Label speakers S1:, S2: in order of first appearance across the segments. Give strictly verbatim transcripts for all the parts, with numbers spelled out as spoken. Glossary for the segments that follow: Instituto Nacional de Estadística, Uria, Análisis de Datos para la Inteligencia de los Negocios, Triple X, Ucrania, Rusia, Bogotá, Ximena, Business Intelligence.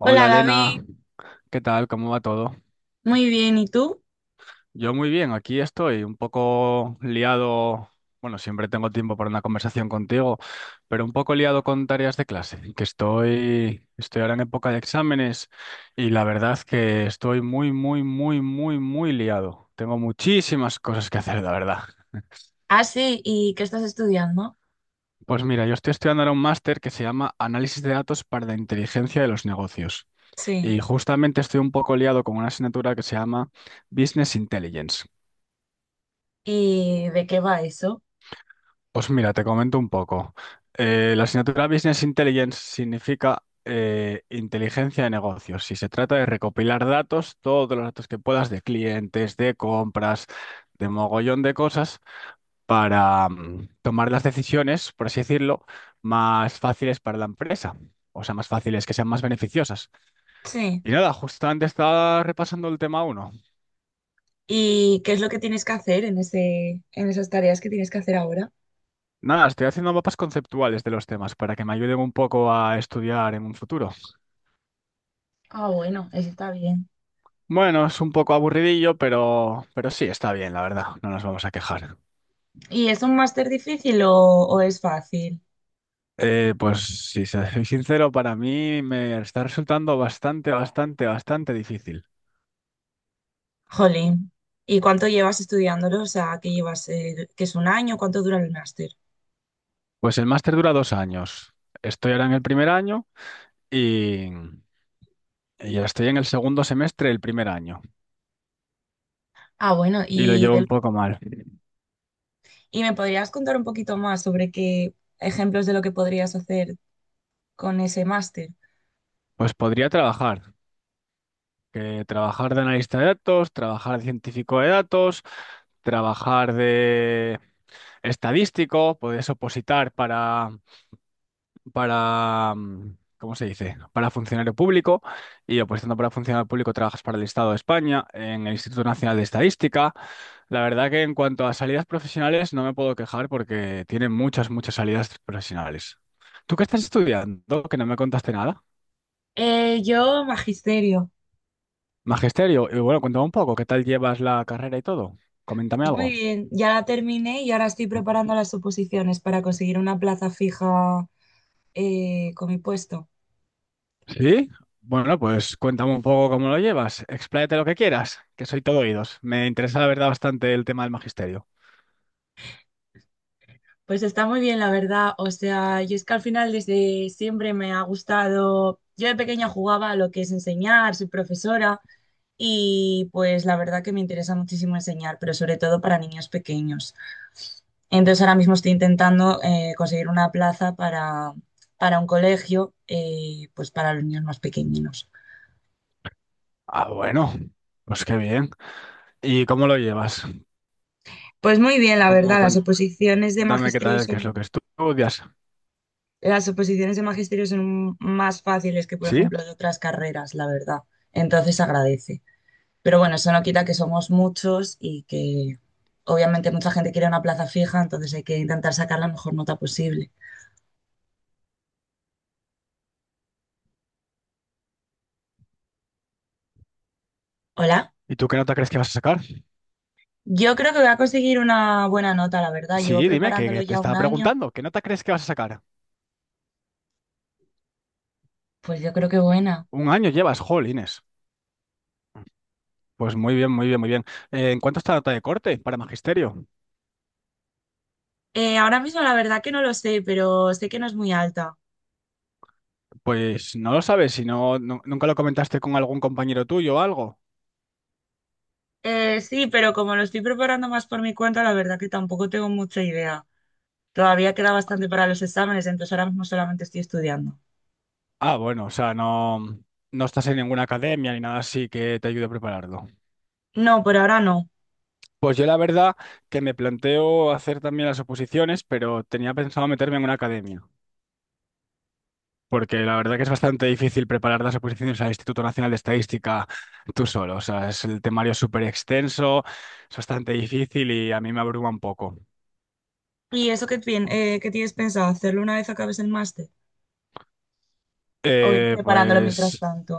S1: Hola David,
S2: Elena, ¿qué tal? ¿Cómo va todo?
S1: muy bien, ¿y tú?
S2: Yo muy bien, aquí estoy un poco liado, bueno, siempre tengo tiempo para una conversación contigo, pero un poco liado con tareas de clase, que estoy, estoy ahora en época de exámenes y la verdad que estoy muy, muy, muy, muy, muy liado. Tengo muchísimas cosas que hacer, la verdad.
S1: Ah, sí, ¿y qué estás estudiando?
S2: Pues mira, yo estoy estudiando ahora un máster que se llama Análisis de Datos para la Inteligencia de los Negocios
S1: Sí.
S2: y justamente estoy un poco liado con una asignatura que se llama Business Intelligence.
S1: ¿Y de qué va eso?
S2: Pues mira, te comento un poco. Eh, la asignatura Business Intelligence significa eh, inteligencia de negocios y se trata de recopilar datos, todos los datos que puedas de clientes, de compras, de mogollón de cosas para mm, tomar las decisiones, por así decirlo, más fáciles para la empresa. O sea, más fáciles, que sean más beneficiosas.
S1: Sí.
S2: Y nada, justamente estaba repasando el tema uno.
S1: ¿Y qué es lo que tienes que hacer en ese, en esas tareas que tienes que hacer ahora?
S2: Nada, estoy haciendo mapas conceptuales de los temas para que me ayuden un poco a estudiar en un futuro.
S1: Ah, bueno, eso está bien.
S2: Bueno, es un poco aburridillo, pero, pero sí, está bien, la verdad, no nos vamos a quejar.
S1: ¿Y es un máster difícil o, o es fácil?
S2: Eh, pues si soy sincero, para mí me está resultando bastante, bastante, bastante difícil.
S1: Jolín. ¿Y cuánto llevas estudiándolo? O sea, ¿qué llevas, eh, que es un año? ¿Cuánto dura el máster?
S2: Pues el máster dura dos años. Estoy ahora en el primer año y, y estoy en el segundo semestre del primer año
S1: Ah, bueno,
S2: y lo
S1: y,
S2: llevo un
S1: del-
S2: poco mal.
S1: ¿Y me podrías contar un poquito más sobre qué ejemplos de lo que podrías hacer con ese máster?
S2: Pues podría trabajar, que trabajar de analista de datos, trabajar de científico de datos, trabajar de estadístico, puedes opositar para para, mm, ¿cómo se dice? Para funcionario público y opositando para funcionario público trabajas para el Estado de España, en el Instituto Nacional de Estadística. La verdad que en cuanto a salidas profesionales no me puedo quejar porque tienen muchas, muchas salidas profesionales. ¿Tú qué estás estudiando? Que no me contaste nada.
S1: Eh, yo magisterio.
S2: Magisterio, y bueno, cuéntame un poco, ¿qué tal llevas la carrera y todo? Coméntame
S1: Pues muy
S2: algo.
S1: bien, ya la terminé y ahora estoy preparando las oposiciones para conseguir una plaza fija, eh, con mi puesto.
S2: Sí, bueno, pues cuéntame un poco cómo lo llevas, expláyate lo que quieras, que soy todo oídos. Me interesa la verdad bastante el tema del magisterio.
S1: Pues está muy bien, la verdad. O sea, yo es que al final desde siempre me ha gustado. Yo de pequeña jugaba a lo que es enseñar, soy profesora. Y pues la verdad que me interesa muchísimo enseñar, pero sobre todo para niños pequeños. Entonces ahora mismo estoy intentando, eh, conseguir una plaza para, para un colegio, eh, pues para los niños más pequeñinos.
S2: Ah, bueno, pues qué bien. ¿Y cómo lo llevas?
S1: Pues muy bien, la
S2: ¿Cómo,
S1: verdad, las
S2: cuéntame
S1: oposiciones de
S2: qué
S1: magisterio
S2: tal, qué es lo que
S1: son,
S2: estudias?
S1: las oposiciones de magisterio son más fáciles que, por
S2: ¿Sí?
S1: ejemplo, de otras carreras, la verdad. Entonces agradece. Pero bueno, eso no quita que somos muchos y que obviamente mucha gente quiere una plaza fija, entonces hay que intentar sacar la mejor nota posible. Hola,
S2: ¿Y tú qué nota crees que vas a sacar?
S1: yo creo que voy a conseguir una buena nota, la verdad. Llevo
S2: Sí, dime, que,
S1: preparándolo
S2: que te
S1: ya un
S2: estaba
S1: año,
S2: preguntando, ¿qué nota crees que vas a sacar?
S1: pues yo creo que buena.
S2: Un año llevas, jolines. Pues muy bien, muy bien, muy bien. Eh, ¿en cuánto está la nota de corte para magisterio?
S1: Eh, ahora mismo la verdad que no lo sé, pero sé que no es muy alta.
S2: Pues no lo sabes, si no, nu- nunca lo comentaste con algún compañero tuyo o algo.
S1: Eh, sí, pero como lo estoy preparando más por mi cuenta, la verdad que tampoco tengo mucha idea. Todavía queda bastante para los exámenes, entonces ahora mismo solamente estoy estudiando.
S2: Ah, bueno, o sea, no, no estás en ninguna academia ni nada así que te ayude a prepararlo.
S1: No, por ahora no.
S2: Pues yo la verdad que me planteo hacer también las oposiciones, pero tenía pensado meterme en una academia, porque la verdad que es bastante difícil preparar las oposiciones al Instituto Nacional de Estadística tú solo. O sea, es el temario es súper extenso, es bastante difícil y a mí me abruma un poco.
S1: ¿Y eso qué, tien- eh, qué tienes pensado? ¿Hacerlo una vez acabes el máster? ¿O ir
S2: Eh,
S1: preparándolo mientras
S2: pues,
S1: tanto?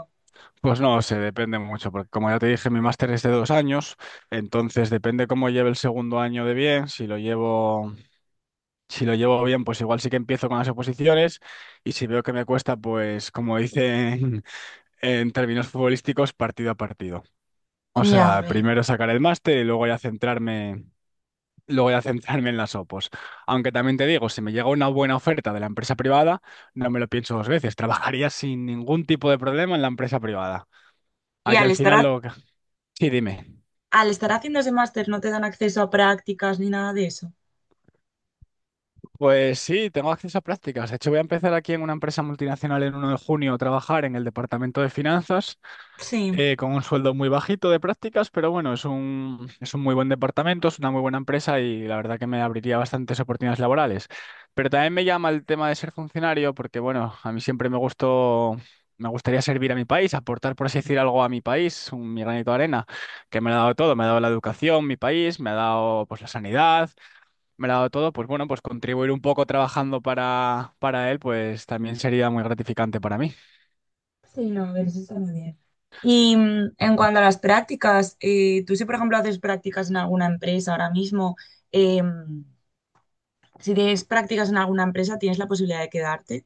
S2: pues no sé, depende mucho, porque como ya te dije, mi máster es de dos años, entonces depende cómo lleve el segundo año de bien, si lo llevo, si lo llevo bien, pues igual sí que empiezo con las oposiciones, y si veo que me cuesta, pues como dicen en términos futbolísticos, partido a partido. O
S1: Ya, a
S2: sea,
S1: ver.
S2: primero sacar el máster y luego ya centrarme, luego ya centrarme en las opos. Aunque también te digo, si me llega una buena oferta de la empresa privada, no me lo pienso dos veces, trabajaría sin ningún tipo de problema en la empresa privada.
S1: Y
S2: Aquí
S1: al
S2: al
S1: estar,
S2: final
S1: ha-
S2: lo... Sí, dime.
S1: al estar haciendo ese máster, ¿no te dan acceso a prácticas ni nada de eso?
S2: Pues sí, tengo acceso a prácticas. De hecho, voy a empezar aquí en una empresa multinacional en uno de junio a trabajar en el departamento de finanzas
S1: Sí.
S2: eh, con un sueldo muy bajito de prácticas, pero bueno, es un, es un muy buen departamento, es una muy buena empresa y la verdad que me abriría bastantes oportunidades laborales. Pero también me llama el tema de ser funcionario porque, bueno, a mí siempre me gustó, me gustaría servir a mi país, aportar, por así decir, algo a mi país, un, mi granito de arena, que me lo ha dado todo. Me ha dado la educación, mi país, me ha dado pues la sanidad, me lo ha dado todo, pues bueno, pues contribuir un poco trabajando para, para él, pues también sería muy gratificante para mí.
S1: Sí, no, pero eso está muy bien. Y mm, en cuanto a las prácticas, eh, tú si por ejemplo haces prácticas en alguna empresa ahora mismo, eh, si tienes prácticas en alguna empresa, ¿tienes la posibilidad de quedarte?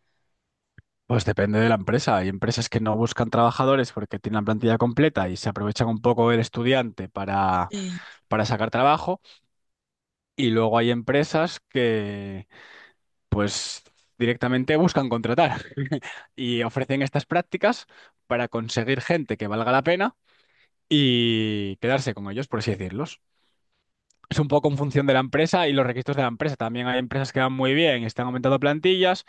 S2: Pues depende de la empresa. Hay empresas que no buscan trabajadores porque tienen la plantilla completa y se aprovechan un poco del estudiante para,
S1: Sí,
S2: para sacar trabajo. Y luego hay empresas que, pues, directamente buscan contratar y ofrecen estas prácticas para conseguir gente que valga la pena y quedarse con ellos, por así decirlo. Es un poco en función de la empresa y los requisitos de la empresa. También hay empresas que van muy bien, están aumentando plantillas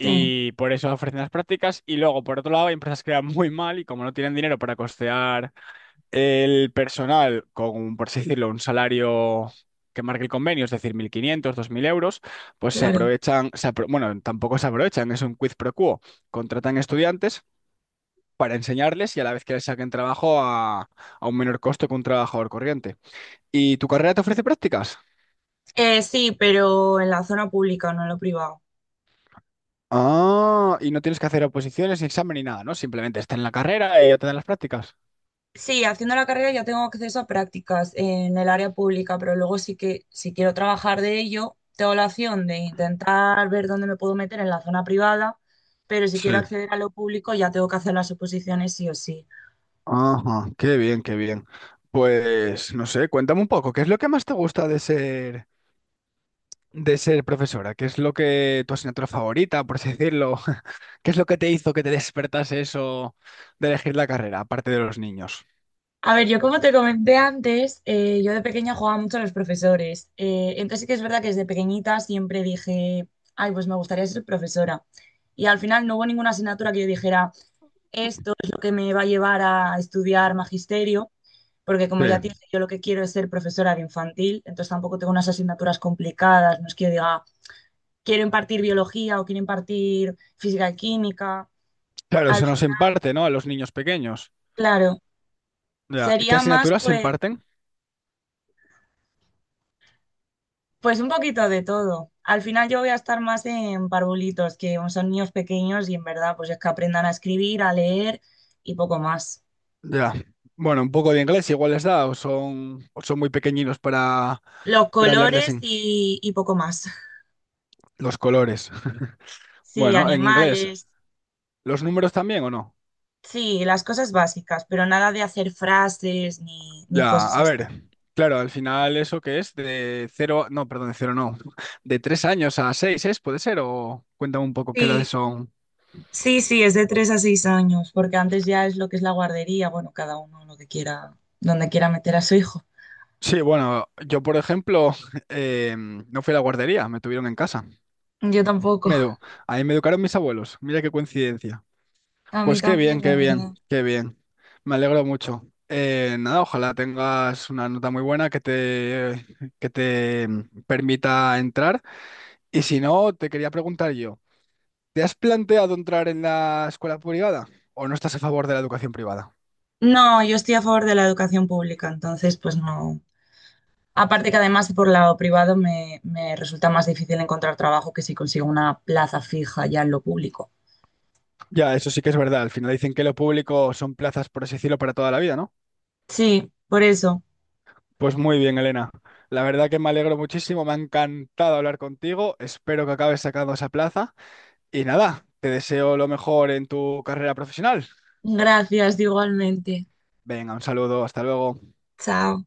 S1: sí,
S2: por eso ofrecen las prácticas. Y luego, por otro lado, hay empresas que van muy mal y como no tienen dinero para costear el personal con, por así decirlo, un salario que marque el convenio, es decir, mil quinientos, dos mil euros, pues se
S1: claro.
S2: aprovechan, se apro- bueno, tampoco se aprovechan, es un quiz pro quo. Contratan estudiantes para enseñarles y a la vez que les saquen trabajo a, a un menor costo que un trabajador corriente. ¿Y tu carrera te ofrece prácticas?
S1: Eh, sí, pero en la zona pública, no en lo privado.
S2: Ah, y no tienes que hacer oposiciones, ni examen ni nada, ¿no? Simplemente está en la carrera y ya te dan las prácticas.
S1: Sí, haciendo la carrera ya tengo acceso a prácticas en el área pública, pero luego sí que si quiero trabajar de ello, tengo la opción de intentar ver dónde me puedo meter en la zona privada, pero si
S2: Sí.
S1: quiero acceder a lo público ya tengo que hacer las oposiciones sí o sí.
S2: Ajá, qué bien, qué bien. Pues no sé, cuéntame un poco, ¿qué es lo que más te gusta de ser de ser profesora? ¿Qué es lo que tu asignatura favorita, por así decirlo? ¿Qué es lo que te hizo que te despertase eso de elegir la carrera, aparte de los niños?
S1: A ver, yo como te comenté antes, eh, yo de pequeña jugaba mucho a los profesores, eh, entonces sí que es verdad que desde pequeñita siempre dije, ay, pues me gustaría ser profesora. Y al final no hubo ninguna asignatura que yo dijera: esto es lo que me va a llevar a estudiar magisterio, porque como
S2: Sí,
S1: ya te dije, yo lo que quiero es ser profesora de infantil, entonces tampoco tengo unas asignaturas complicadas, no es que yo diga, quiero impartir biología o quiero impartir física y química.
S2: claro,
S1: Al
S2: se
S1: fin,
S2: nos imparte, ¿no? A los niños pequeños.
S1: claro,
S2: Ya. ¿Qué
S1: sería más
S2: asignaturas se
S1: pues,
S2: imparten?
S1: pues un poquito de todo. Al final yo voy a estar más en parvulitos, que son niños pequeños y en verdad pues es que aprendan a escribir, a leer y poco más.
S2: Ya. Bueno, un poco de inglés igual les da, o son, o son muy pequeñinos para,
S1: Los
S2: para hablarles
S1: colores
S2: en
S1: y, y poco más.
S2: los colores.
S1: Sí,
S2: Bueno, en inglés,
S1: animales.
S2: ¿los números también o no?
S1: Sí, las cosas básicas, pero nada de hacer frases ni, ni
S2: Ya,
S1: cosas
S2: a
S1: así.
S2: ver, claro, al final eso que es de cero, no, perdón, de cero no, de tres años a seis es, puede ser, o cuéntame un poco qué edades
S1: Sí,
S2: son.
S1: sí, sí, es de tres a seis años, porque antes ya es lo que es la guardería, bueno, cada uno lo que quiera, donde quiera meter a su hijo.
S2: Sí, bueno, yo por ejemplo eh, no fui a la guardería, me tuvieron en casa.
S1: Yo tampoco,
S2: Me, edu- Ahí me educaron mis abuelos, mira qué coincidencia.
S1: a mí
S2: Pues qué bien,
S1: también, la
S2: qué bien,
S1: verdad.
S2: qué bien. Me alegro mucho. Eh, nada, ojalá tengas una nota muy buena que te, que te mm, permita entrar. Y si no, te quería preguntar yo, ¿te has planteado entrar en la escuela privada o no estás a favor de la educación privada?
S1: No, yo estoy a favor de la educación pública, entonces pues no. Aparte que además por lado privado me, me resulta más difícil encontrar trabajo que si consigo una plaza fija ya en lo público.
S2: Ya, eso sí que es verdad. Al final dicen que lo público son plazas, por así decirlo, para toda la vida, ¿no?
S1: Sí, por eso.
S2: Pues muy bien, Elena. La verdad que me alegro muchísimo, me ha encantado hablar contigo. Espero que acabes sacando esa plaza. Y nada, te deseo lo mejor en tu carrera profesional.
S1: Gracias igualmente.
S2: Venga, un saludo, hasta luego.
S1: Chao.